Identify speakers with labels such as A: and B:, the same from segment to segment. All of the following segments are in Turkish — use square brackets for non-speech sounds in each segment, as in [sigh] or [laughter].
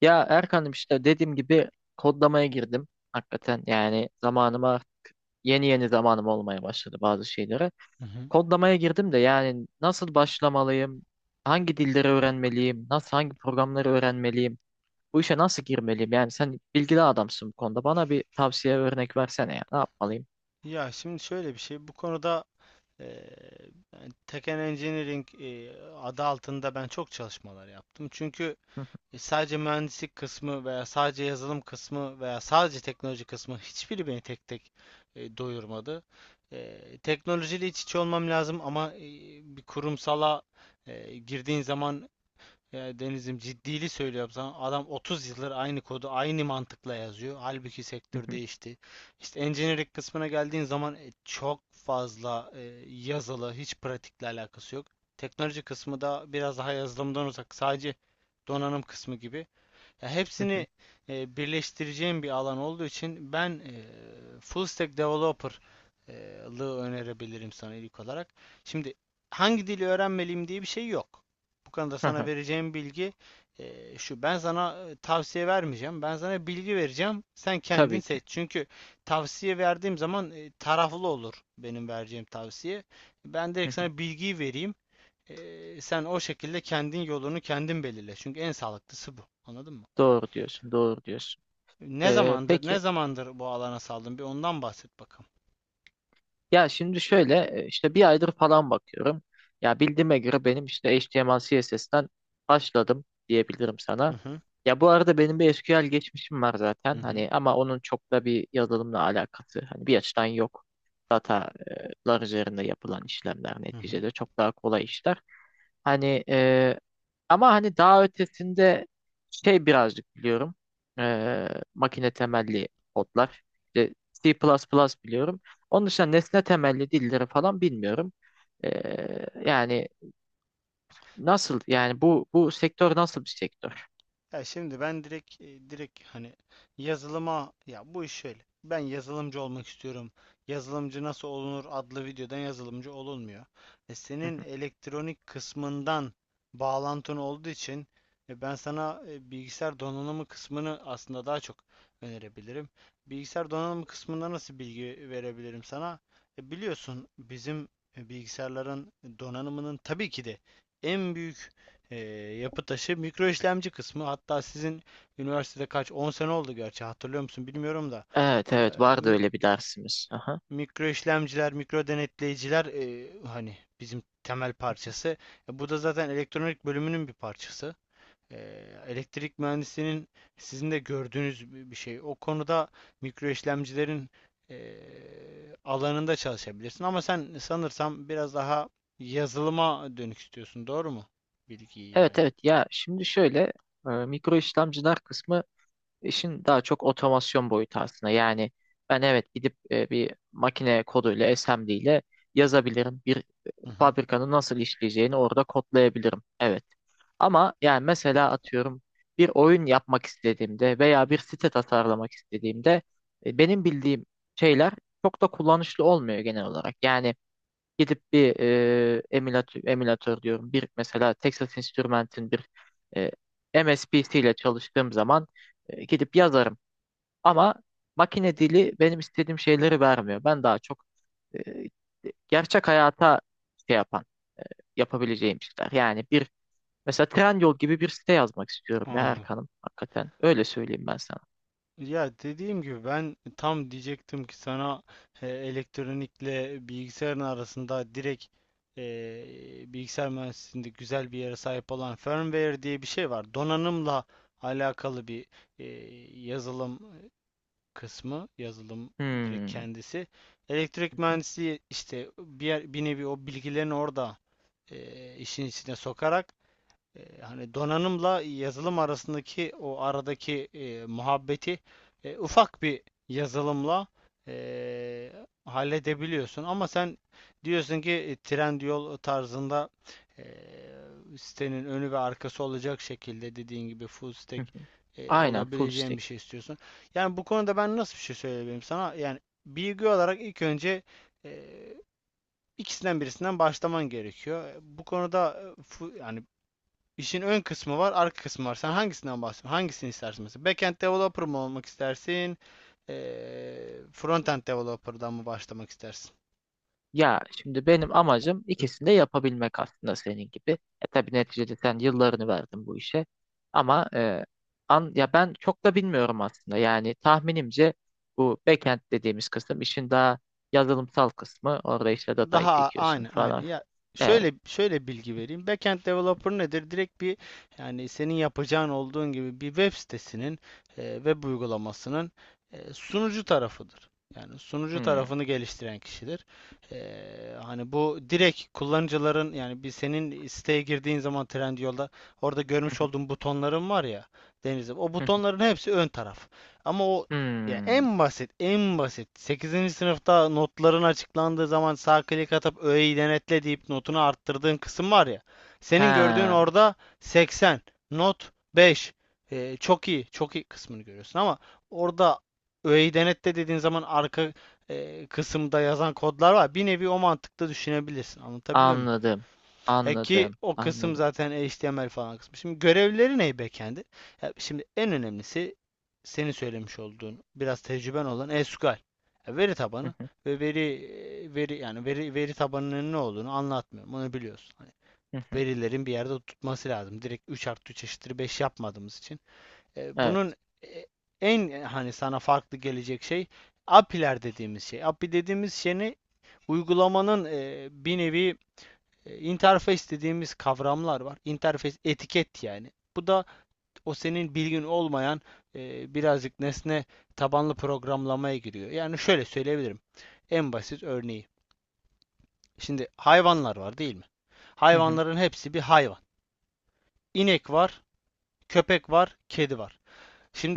A: Ya Erkan'ım işte dediğim gibi kodlamaya girdim. Hakikaten yani zamanıma yeni yeni zamanım olmaya başladı bazı şeylere.
B: Hı hı.
A: Kodlamaya girdim de yani nasıl başlamalıyım? Hangi dilleri öğrenmeliyim? Nasıl hangi programları öğrenmeliyim? Bu işe nasıl girmeliyim? Yani sen bilgili adamsın bu konuda. Bana bir tavsiye örnek versene ya. Ne yapmalıyım?
B: Ya şimdi şöyle bir şey, bu konuda eee Tekken Engineering, adı altında ben çok çalışmalar yaptım. Çünkü sadece mühendislik kısmı veya sadece yazılım kısmı veya sadece teknoloji kısmı hiçbiri beni tek tek doyurmadı. Teknolojiyle iç içe olmam lazım ama bir kurumsala girdiğin zaman. Ya Deniz'im ciddili söylüyorum sana. Adam 30 yıldır aynı kodu aynı mantıkla yazıyor. Halbuki sektör değişti. İşte engineering kısmına geldiğin zaman çok fazla yazılı, hiç pratikle alakası yok. Teknoloji kısmı da biraz daha yazılımdan uzak. Sadece donanım kısmı gibi. Ya hepsini birleştireceğim bir alan olduğu için ben full stack developerlığı önerebilirim sana ilk olarak. Şimdi hangi dili öğrenmeliyim diye bir şey yok. Bu konuda sana
A: [laughs]
B: vereceğim bilgi şu. Ben sana tavsiye vermeyeceğim. Ben sana bilgi vereceğim. Sen kendin
A: Tabii
B: seç.
A: ki.
B: Çünkü tavsiye verdiğim zaman taraflı olur benim vereceğim tavsiye. Ben direkt sana
A: [laughs]
B: bilgiyi vereyim. Sen o şekilde kendin yolunu kendin belirle. Çünkü en sağlıklısı bu. Anladın mı?
A: Doğru diyorsun, doğru diyorsun.
B: Ne
A: Ee,
B: zamandır ne
A: peki
B: zamandır bu alana saldın? Bir ondan bahset bakalım.
A: Ya şimdi şöyle işte bir aydır falan bakıyorum. Ya bildiğime göre benim işte HTML CSS'ten başladım diyebilirim
B: Hı
A: sana.
B: hı.
A: Ya bu arada benim bir SQL geçmişim var
B: Hı
A: zaten.
B: hı.
A: Hani ama onun çok da bir yazılımla alakası hani bir açıdan yok. Datalar üzerinde yapılan işlemler
B: Hı hı.
A: neticede çok daha kolay işler. Hani e, ama hani daha ötesinde şey birazcık biliyorum. E, Makine temelli kodlar. İşte C++ biliyorum. Onun dışında nesne temelli dilleri falan bilmiyorum. Yani nasıl yani bu sektör nasıl bir sektör?
B: Ya şimdi ben direkt hani yazılıma, ya bu iş şöyle. Ben yazılımcı olmak istiyorum. Yazılımcı nasıl olunur adlı videodan yazılımcı olunmuyor. E,
A: Hı
B: senin
A: hı.
B: elektronik kısmından bağlantın olduğu için ben sana bilgisayar donanımı kısmını aslında daha çok önerebilirim. Bilgisayar donanımı kısmında nasıl bilgi verebilirim sana? Biliyorsun bizim bilgisayarların donanımının tabii ki de en büyük ee, yapı taşı mikro işlemci kısmı, hatta sizin üniversitede kaç 10 sene oldu gerçi, hatırlıyor musun bilmiyorum da. Ee,
A: Evet evet, vardı öyle bir dersimiz. Aha.
B: mikro işlemciler, mikro denetleyiciler, hani bizim temel parçası. Bu da zaten elektronik bölümünün bir parçası. Elektrik mühendisliğinin sizin de gördüğünüz bir şey o konuda. Mikro işlemcilerin e, alanında çalışabilirsin ama sen sanırsam biraz daha yazılıma dönük istiyorsun, doğru mu bilgiyi
A: Evet
B: yani?
A: evet, ya şimdi şöyle, mikro işlemciler kısmı işin daha çok otomasyon boyutu aslında. Yani ben evet gidip bir makine koduyla SMD ile yazabilirim. Bir
B: Hı hı.
A: fabrikanın nasıl işleyeceğini orada kodlayabilirim. Evet. Ama yani mesela atıyorum bir oyun yapmak istediğimde veya bir site tasarlamak istediğimde benim bildiğim şeyler çok da kullanışlı olmuyor genel olarak. Yani gidip bir emülatör, emülatör diyorum, bir mesela Texas Instruments'in bir e, MSPC ile çalıştığım zaman gidip yazarım. Ama makine dili benim istediğim şeyleri vermiyor. Ben daha çok e, gerçek hayata şey yapan, yapabileceğim şeyler. Yani bir, mesela Trendyol gibi bir site yazmak istiyorum ya
B: Anladım.
A: Erkan'ım, hakikaten. Öyle söyleyeyim ben sana.
B: Ya dediğim gibi ben tam diyecektim ki sana elektronikle bilgisayarın arasında direkt bilgisayar mühendisliğinde güzel bir yere sahip olan firmware diye bir şey var. Donanımla alakalı bir e, yazılım kısmı, yazılım direkt
A: Hmm.
B: kendisi. Elektrik mühendisliği işte bir nevi o bilgilerini orada işin içine sokarak. Hani donanımla yazılım arasındaki o aradaki muhabbeti ufak bir yazılımla e, halledebiliyorsun. Ama sen diyorsun ki Trendyol tarzında e, sitenin önü ve arkası olacak şekilde, dediğin gibi full stack
A: [laughs] Aynen, full
B: olabileceğin
A: stack.
B: bir şey istiyorsun. Yani bu konuda ben nasıl bir şey söyleyebilirim sana? Yani bilgi olarak ilk önce e, ikisinden birisinden başlaman gerekiyor. Bu konuda yani, İşin ön kısmı var, arka kısmı var. Sen hangisinden bahsediyorsun? Hangisini istersin mesela? Backend developer mı olmak istersin? Frontend developer'dan mı başlamak istersin?
A: Ya şimdi benim amacım ikisini de yapabilmek aslında senin gibi. E tabii neticede sen yıllarını verdin bu işe. Ama ya ben çok da bilmiyorum aslında. Yani tahminimce bu backend dediğimiz kısım işin daha yazılımsal kısmı. Orada işte datayı
B: Daha
A: çekiyorsun
B: aynen, aynen.
A: falan.
B: Ya
A: Evet.
B: şöyle şöyle bilgi vereyim. Backend developer nedir? Direkt bir, yani senin yapacağın olduğun gibi bir web sitesinin web uygulamasının sunucu tarafıdır. Yani sunucu
A: Hmm.
B: tarafını geliştiren kişidir. E, hani bu direkt kullanıcıların, yani bir senin siteye girdiğin zaman Trendyol'da orada görmüş olduğun butonların var ya Deniz'im. O butonların
A: [laughs]
B: hepsi ön taraf. Ama o ya,
A: Hmm.
B: en basit, en basit. Sekizinci sınıfta notların açıklandığı zaman sağ klik atıp öğeyi denetle deyip notunu arttırdığın kısım var ya. Senin gördüğün
A: He,
B: orada 80, not 5, çok iyi, çok iyi kısmını görüyorsun ama orada öğeyi denetle dediğin zaman arka kısımda yazan kodlar var. Bir nevi o mantıkta düşünebilirsin. Anlatabiliyor muyum?
A: anladım.
B: Ki
A: Anladım.
B: o kısım
A: Anladım.
B: zaten HTML falan kısmı. Şimdi görevleri ne backend'i? Ya şimdi en önemlisi senin söylemiş olduğun biraz tecrüben olan SQL. Ya veri
A: Hı
B: tabanı
A: hı,
B: ve veri e, veri yani veri veri tabanının ne olduğunu anlatmıyorum. Onu biliyorsun. Hani
A: hı hı.
B: verilerin bir yerde tutması lazım. Direkt 3 artı 3 eşittir 5 yapmadığımız için. Bunun
A: Evet.
B: e, en hani sana farklı gelecek şey, API'ler dediğimiz şey. API dediğimiz şey ne? Uygulamanın bir nevi interface dediğimiz kavramlar var. Interface etiket yani. Bu da o senin bilgin olmayan birazcık nesne tabanlı programlamaya giriyor. Yani şöyle söyleyebilirim. En basit örneği. Şimdi hayvanlar var değil mi?
A: Hı hı,
B: Hayvanların hepsi bir hayvan. İnek var, köpek var, kedi var.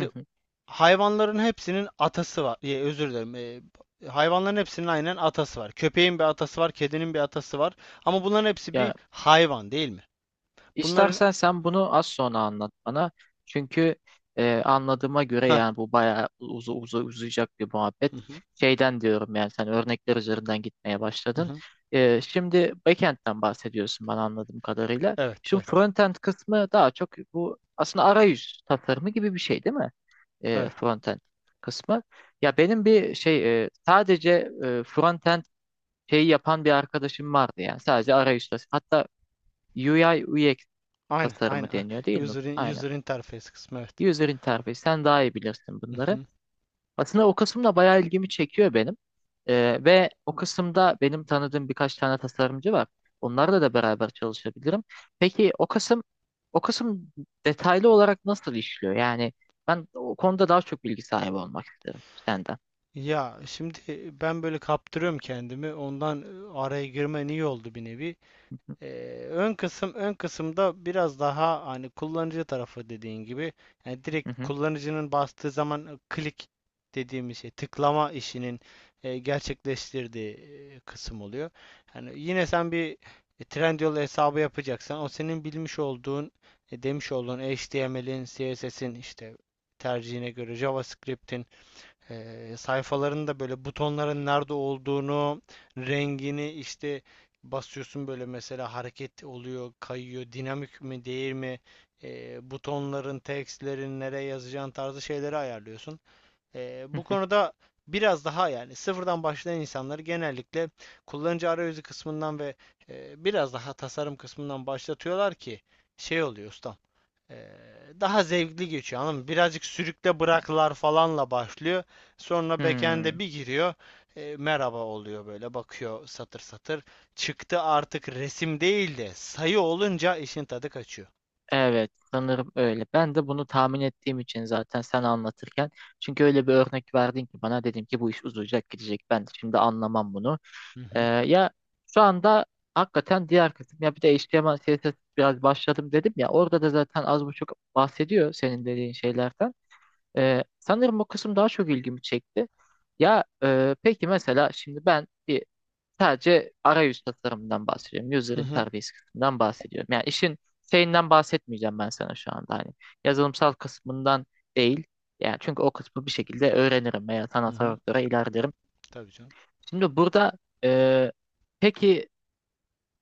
A: hı hı.
B: hayvanların hepsinin atası var. Ya, özür dilerim. Hayvanların hepsinin aynen atası var. Köpeğin bir atası var, kedinin bir atası var. Ama bunların hepsi bir
A: Ya,
B: hayvan değil mi? Bunların...
A: İstersen sen bunu az sonra anlat bana. Çünkü anladığıma göre
B: Heh,
A: yani bu bayağı uzayacak bir
B: hı
A: muhabbet.
B: hı,
A: Şeyden diyorum, yani sen örnekler üzerinden gitmeye
B: hı
A: başladın.
B: hı.
A: Şimdi backend'den bahsediyorsun bana, anladığım kadarıyla.
B: Evet,
A: Şimdi
B: evet.
A: frontend kısmı daha çok bu aslında arayüz tasarımı gibi bir şey değil mi?
B: Evet.
A: Frontend kısmı. Ya benim bir şey, sadece frontend şeyi yapan bir arkadaşım vardı, yani sadece arayüz tasarımı. Hatta UI UX
B: Aynen,
A: tasarımı
B: aynen.
A: deniyor değil mi?
B: User, in-
A: Aynen.
B: user interface kısmı, evet.
A: User interface. Sen daha iyi bilirsin
B: Hı
A: bunları.
B: hı.
A: Aslında o kısım da bayağı ilgimi çekiyor benim. Ve o kısımda benim tanıdığım birkaç tane tasarımcı var. Onlarla da beraber çalışabilirim. Peki o kısım detaylı olarak nasıl işliyor? Yani ben o konuda daha çok bilgi sahibi olmak isterim senden.
B: Ya şimdi ben böyle kaptırıyorum kendimi. Ondan araya girmen iyi oldu bir nevi. Ön kısım, ön kısımda biraz daha hani kullanıcı tarafı dediğin gibi, yani direkt
A: Hı hı, hı hı,
B: kullanıcının bastığı zaman klik dediğimiz şey, tıklama işinin gerçekleştirdiği kısım oluyor. Yani yine sen bir Trendyol hesabı yapacaksan o senin bilmiş olduğun, demiş olduğun HTML'in, CSS'in, işte tercihine göre JavaScript'in, sayfaların da böyle butonların nerede olduğunu, rengini, işte basıyorsun, böyle mesela hareket oluyor, kayıyor, dinamik mi değil mi, butonların, tekstlerin nereye yazacağın tarzı şeyleri ayarlıyorsun. Eee,
A: hı
B: bu
A: hı.
B: konuda biraz daha, yani sıfırdan başlayan insanları genellikle kullanıcı arayüzü kısmından ve biraz daha tasarım kısmından başlatıyorlar ki şey oluyor Usta. Ee, daha zevkli geçiyor, anladın mı? Birazcık sürükle bıraklar falanla başlıyor. Sonra
A: Hmm.
B: backend'e bir giriyor. Merhaba oluyor, böyle bakıyor satır satır. Çıktı artık resim değil de sayı olunca işin tadı kaçıyor.
A: Evet, sanırım öyle. Ben de bunu tahmin ettiğim için zaten sen anlatırken. Çünkü öyle bir örnek verdin ki bana, dedim ki bu iş uzayacak gidecek. Ben de şimdi anlamam bunu.
B: Hı hı.
A: Ya şu anda hakikaten diğer kısım, ya bir de HTML CSS biraz başladım dedim ya, orada da zaten az buçuk bahsediyor senin dediğin şeylerden. Sanırım o kısım daha çok ilgimi çekti. Ya peki mesela şimdi ben bir, sadece arayüz tasarımından bahsediyorum. User
B: Hı hı.
A: interface kısmından bahsediyorum. Yani işin şeyinden bahsetmeyeceğim ben sana şu anda. Hani yazılımsal kısmından değil. Yani çünkü o kısmı bir şekilde öğrenirim veya
B: Hı
A: sanatsal
B: hı.
A: doktora ilerlerim.
B: Tabii canım.
A: Şimdi burada, e, peki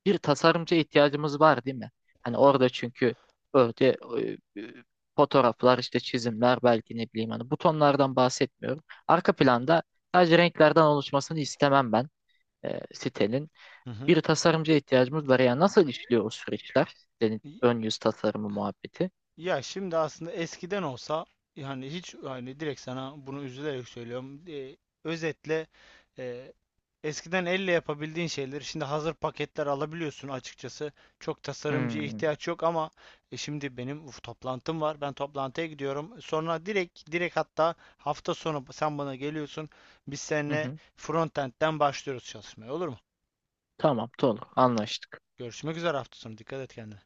A: bir tasarımcıya ihtiyacımız var değil mi? Hani orada çünkü öyle e, e, fotoğraflar işte, çizimler, belki ne bileyim, hani butonlardan bahsetmiyorum. Arka planda sadece renklerden oluşmasını istemem ben, sitenin
B: Hı
A: bir tasarımcıya ihtiyacımız var. Yani nasıl işliyor o süreçler? Yani
B: hı.
A: ön yüz tasarımı muhabbeti.
B: Ya şimdi aslında eskiden olsa, yani hiç hani direkt sana bunu üzülerek söylüyorum. Özetle, e, eskiden elle yapabildiğin şeyleri şimdi hazır paketler alabiliyorsun açıkçası. Çok tasarımcıya
A: Hmm.
B: ihtiyaç yok ama şimdi benim, uf, toplantım var. Ben toplantıya gidiyorum. Sonra direkt, hatta hafta sonu sen bana geliyorsun. Biz
A: Hı
B: seninle
A: hı.
B: frontend'den başlıyoruz çalışmaya, olur mu?
A: Tamam, olur. Anlaştık.
B: Görüşmek üzere hafta sonu. Dikkat et kendine.